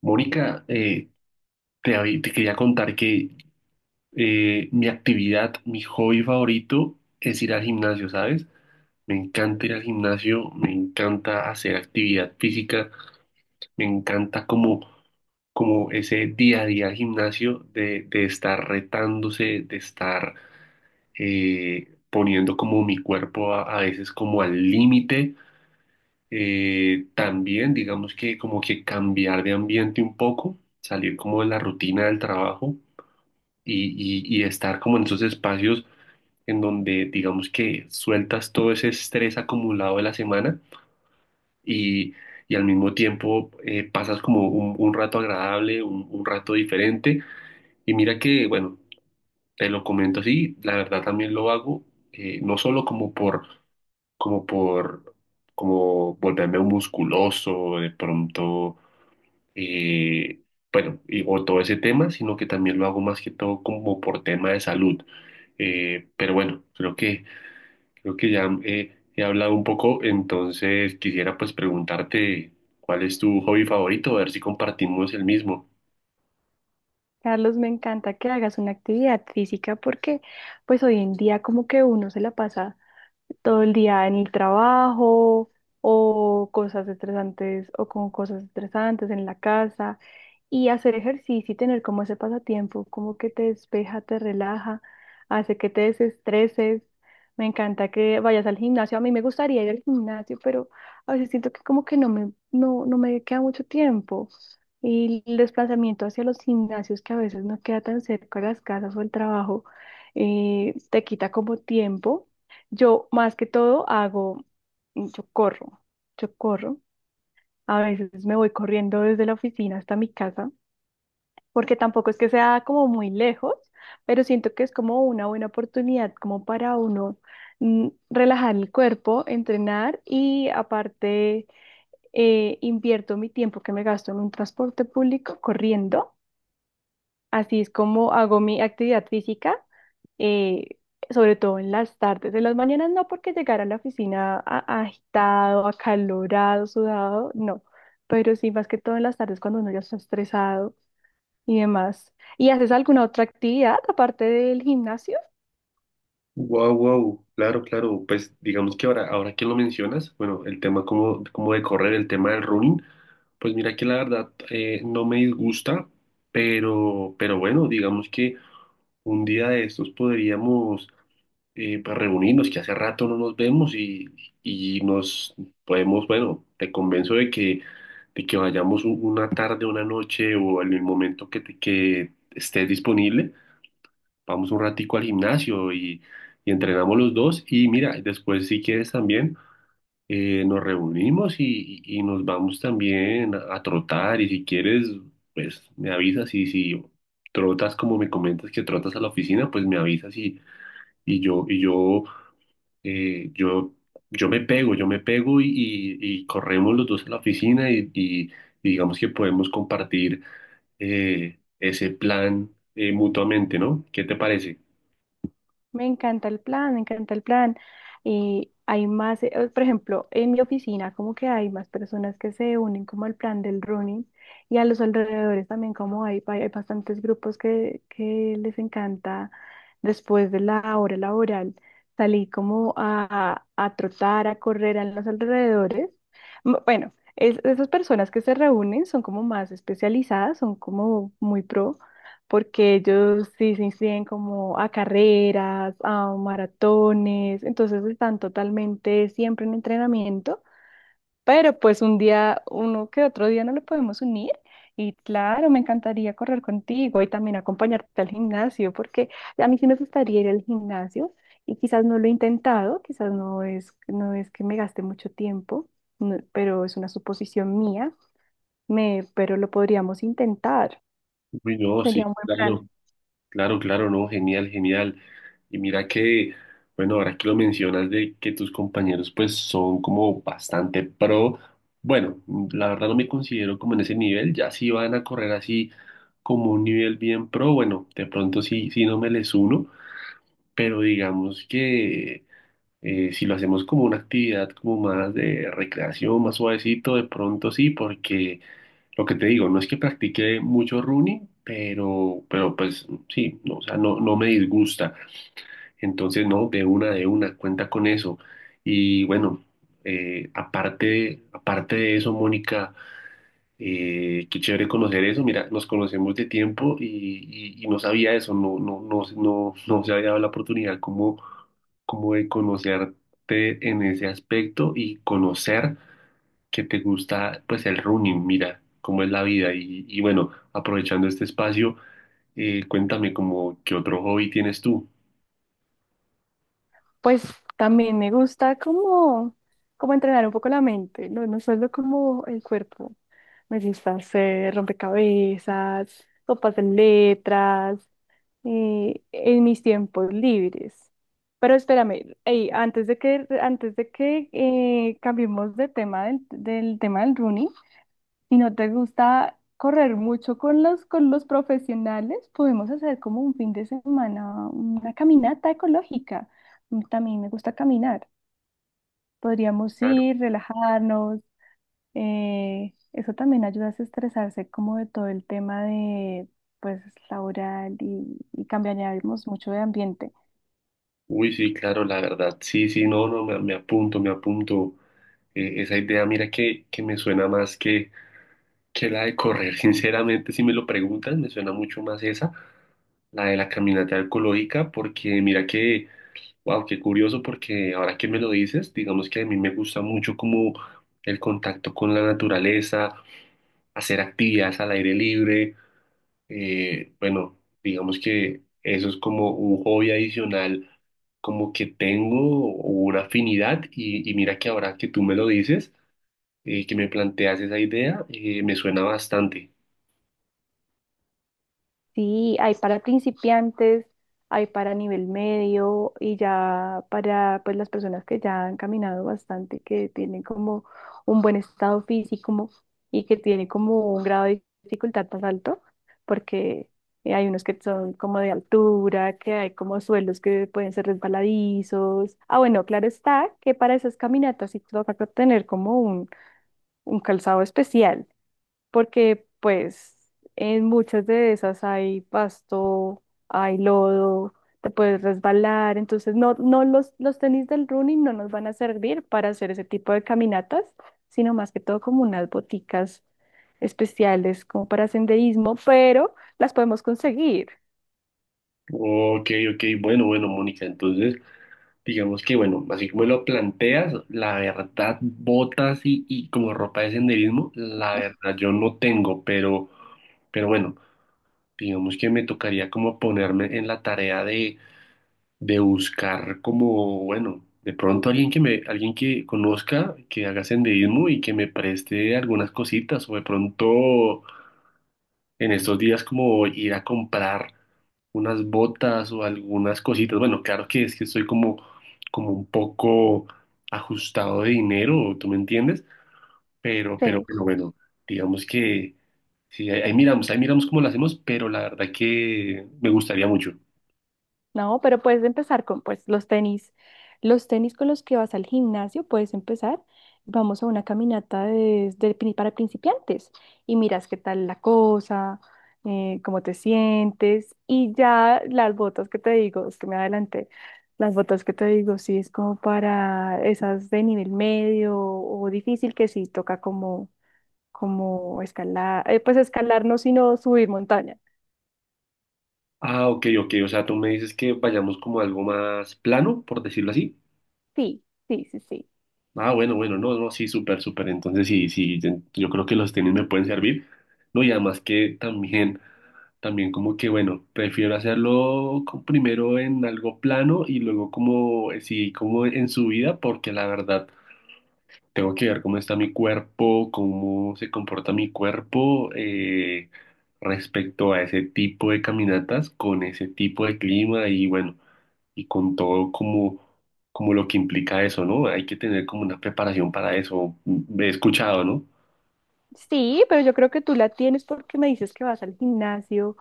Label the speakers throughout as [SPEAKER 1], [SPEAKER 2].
[SPEAKER 1] Mónica, te quería contar que mi actividad, mi hobby favorito es ir al gimnasio, ¿sabes? Me encanta ir al gimnasio, me encanta hacer actividad física, me encanta como, como ese día a día al gimnasio de estar retándose, de estar poniendo como mi cuerpo a veces como al límite. También digamos que como que cambiar de ambiente un poco, salir como de la rutina del trabajo y estar como en esos espacios en donde digamos que sueltas todo ese estrés acumulado de la semana y, y al mismo tiempo pasas como un rato agradable, un rato diferente. Y mira que, bueno, te lo comento así, la verdad también lo hago, no solo como por, como volverme un musculoso, de pronto eh, bueno, o todo ese tema, sino que también lo hago más que todo como por tema de salud. Pero bueno, creo que ya he hablado un poco, entonces quisiera pues preguntarte cuál es tu hobby favorito, a ver si compartimos el mismo.
[SPEAKER 2] Carlos, me encanta que hagas una actividad física porque pues hoy en día como que uno se la pasa todo el día en el trabajo o cosas estresantes o con cosas estresantes en la casa y hacer ejercicio y tener como ese pasatiempo, como que te despeja, te relaja, hace que te desestreses. Me encanta que vayas al gimnasio. A mí me gustaría ir al gimnasio, pero a veces siento que como que no me queda mucho tiempo. Y el desplazamiento hacia los gimnasios que a veces no queda tan cerca de las casas o el trabajo, te quita como tiempo. Yo más que todo hago, yo corro, yo corro. A veces me voy corriendo desde la oficina hasta mi casa, porque tampoco es que sea como muy lejos, pero siento que es como una buena oportunidad como para uno relajar el cuerpo, entrenar y aparte invierto mi tiempo que me gasto en un transporte público corriendo. Así es como hago mi actividad física, eh, sobre todo en las tardes. En las mañanas no, porque llegar a la oficina agitado, acalorado, sudado, no. Pero sí, más que todo en las tardes cuando uno ya está estresado y demás. ¿Y haces alguna otra actividad aparte del gimnasio?
[SPEAKER 1] Wow, wow, claro, claro, pues digamos que ahora que lo mencionas, bueno, el tema como de correr, el tema del running, pues mira que la verdad no me disgusta, pero bueno, digamos que un día de estos podríamos pues, reunirnos, que hace rato no nos vemos y nos podemos, bueno, te convenzo de que vayamos una tarde, una noche o en el momento que, que estés disponible, vamos un ratico al gimnasio y entrenamos los dos y mira, después si quieres también nos reunimos y nos vamos también a trotar y si quieres, pues me avisas y si trotas como me comentas que trotas a la oficina, pues me avisas y yo, eh, yo, yo me pego, y corremos los dos a la oficina y digamos que podemos compartir ese plan mutuamente, ¿no? ¿Qué te parece?
[SPEAKER 2] Me encanta el plan, me encanta el plan. Y hay más, por ejemplo, en mi oficina como que hay más personas que se unen como al plan del running y a los alrededores también como hay bastantes grupos que les encanta después de la hora laboral salir como a trotar, a correr a los alrededores. Bueno, esas personas que se reúnen son como más especializadas, son como muy pro porque ellos sí se inscriben como a carreras, a maratones, entonces están totalmente siempre en entrenamiento, pero pues un día, uno que otro día no lo podemos unir. Y claro, me encantaría correr contigo y también acompañarte al gimnasio, porque a mí sí me gustaría ir al gimnasio y quizás no lo he intentado, quizás no es que me gaste mucho tiempo, pero es una suposición mía, pero lo podríamos intentar.
[SPEAKER 1] Uy, no, sí,
[SPEAKER 2] Sería un buen plan.
[SPEAKER 1] claro. Claro, claro, no, genial, genial. Y mira que, bueno, ahora que lo mencionas de que tus compañeros pues son como bastante pro, bueno, la verdad no me considero como en ese nivel, ya si van a correr así como un nivel bien pro, bueno, de pronto sí, sí no me les uno, pero digamos que si lo hacemos como una actividad como más de recreación, más suavecito, de pronto sí, porque lo que te digo, no es que practique mucho running, pero pues sí, no, o sea, no, no me disgusta. Entonces, no, de una, cuenta con eso. Y bueno, aparte de eso, Mónica. Qué chévere conocer eso. Mira, nos conocemos de tiempo y no sabía eso, no, no, no, no, no se había dado la oportunidad como, como de conocerte en ese aspecto y conocer que te gusta pues el running, mira, cómo es la vida. Y bueno, aprovechando este espacio, cuéntame como qué otro hobby tienes tú.
[SPEAKER 2] Pues también me gusta como entrenar un poco la mente, no solo como el cuerpo. Me gusta hacer rompecabezas, copas de letras, en mis tiempos libres. Pero espérame, ey, antes de que cambiemos de tema del tema del running, si no te gusta correr mucho con con los profesionales, podemos hacer como un fin de semana una caminata ecológica. Mm, también me gusta caminar. Podríamos
[SPEAKER 1] Claro.
[SPEAKER 2] ir, relajarnos. Eso también ayuda a estresarse como de todo el tema de, pues, laboral y cambiaríamos mucho de ambiente.
[SPEAKER 1] Uy, sí, claro, la verdad, sí, sí, no, no, me apunto, me apunto. Esa idea, mira que me suena más que la de correr. Sinceramente, si me lo preguntas me suena mucho más esa, la de la caminata ecológica, porque mira que, wow, qué curioso, porque ahora que me lo dices, digamos que a mí me gusta mucho como el contacto con la naturaleza, hacer actividades al aire libre, bueno, digamos que eso es como un hobby adicional, como que tengo una afinidad y mira que ahora que tú me lo dices, que me planteas esa idea, me suena bastante.
[SPEAKER 2] Sí, hay para principiantes, hay para nivel medio y ya para pues las personas que ya han caminado bastante, que tienen como un buen estado físico y que tienen como un grado de dificultad más alto, porque hay unos que son como de altura, que hay como suelos que pueden ser resbaladizos. Ah, bueno, claro está que para esas caminatas sí toca tener como un calzado especial porque pues en muchas de esas hay pasto, hay lodo, te puedes resbalar, entonces no, no los, los tenis del running no nos van a servir para hacer ese tipo de caminatas, sino más que todo como unas boticas especiales como para senderismo, pero las podemos conseguir.
[SPEAKER 1] Ok, ok, bueno, bueno, Mónica, entonces digamos que, bueno, así como lo planteas, la verdad, botas y como ropa de senderismo, la verdad yo no tengo, pero bueno, digamos que me tocaría como ponerme en la tarea de buscar como, bueno, de pronto alguien que me, alguien que conozca, que haga senderismo y que me preste algunas cositas o de pronto en estos días como ir a comprar unas botas o algunas cositas. Bueno, claro que es que estoy como, como un poco ajustado de dinero, ¿tú me entiendes?
[SPEAKER 2] ¿Sí?
[SPEAKER 1] Pero bueno, digamos que sí, ahí miramos cómo lo hacemos, pero la verdad que me gustaría mucho.
[SPEAKER 2] No, pero puedes empezar con pues los tenis con los que vas al gimnasio, puedes empezar. Vamos a una caminata para principiantes y miras qué tal la cosa, cómo te sientes y ya las botas que te digo, es que me adelanté, las botas que te digo, sí es como para esas de nivel medio o difícil que sí toca como, como escalar, pues escalar no, sino subir montaña.
[SPEAKER 1] Ah, ok, ok, o sea, tú me dices que vayamos como a algo más plano, por decirlo así.
[SPEAKER 2] Sí, sí, sí, sí.
[SPEAKER 1] Ah, bueno, bueno, no, no, sí, súper, súper. Entonces, sí, sí, yo creo que los tenis me pueden servir. No, y además que también, también como que, bueno, prefiero hacerlo primero en algo plano y luego como, sí, como en subida, porque la verdad. Tengo que ver cómo está mi cuerpo, cómo se comporta mi cuerpo respecto a ese tipo de caminatas, con ese tipo de clima y bueno, y con todo como, como lo que implica eso, ¿no? Hay que tener como una preparación para eso. He escuchado, ¿no?
[SPEAKER 2] Sí, pero yo creo que tú la tienes porque me dices que vas al gimnasio,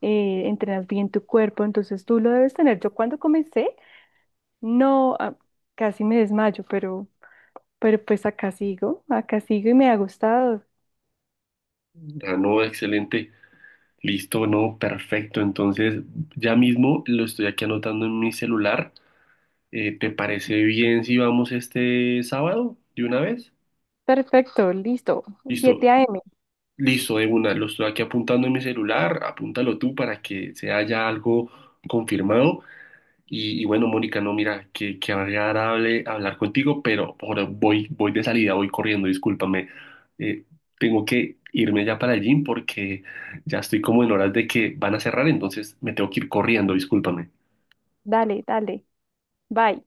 [SPEAKER 2] entrenas bien tu cuerpo, entonces tú lo debes tener. Yo cuando comencé, no, ah, casi me desmayo, pero pues acá sigo y me ha gustado.
[SPEAKER 1] Ah, no, excelente, listo, no, perfecto. Entonces, ya mismo lo estoy aquí anotando en mi celular. ¿Te parece bien si vamos este sábado de una vez?
[SPEAKER 2] Perfecto, listo.
[SPEAKER 1] Listo.
[SPEAKER 2] 7 a.m.
[SPEAKER 1] Listo, de una, lo estoy aquí apuntando en mi celular, apúntalo tú para que se haya algo confirmado. Y bueno, Mónica, no, mira, que, qué agradable hablar contigo, pero ahora voy, voy de salida, voy corriendo, discúlpame. Eh, tengo que irme ya para el gym porque ya estoy como en horas de que van a cerrar, entonces me tengo que ir corriendo, discúlpame.
[SPEAKER 2] Dale, dale. Bye.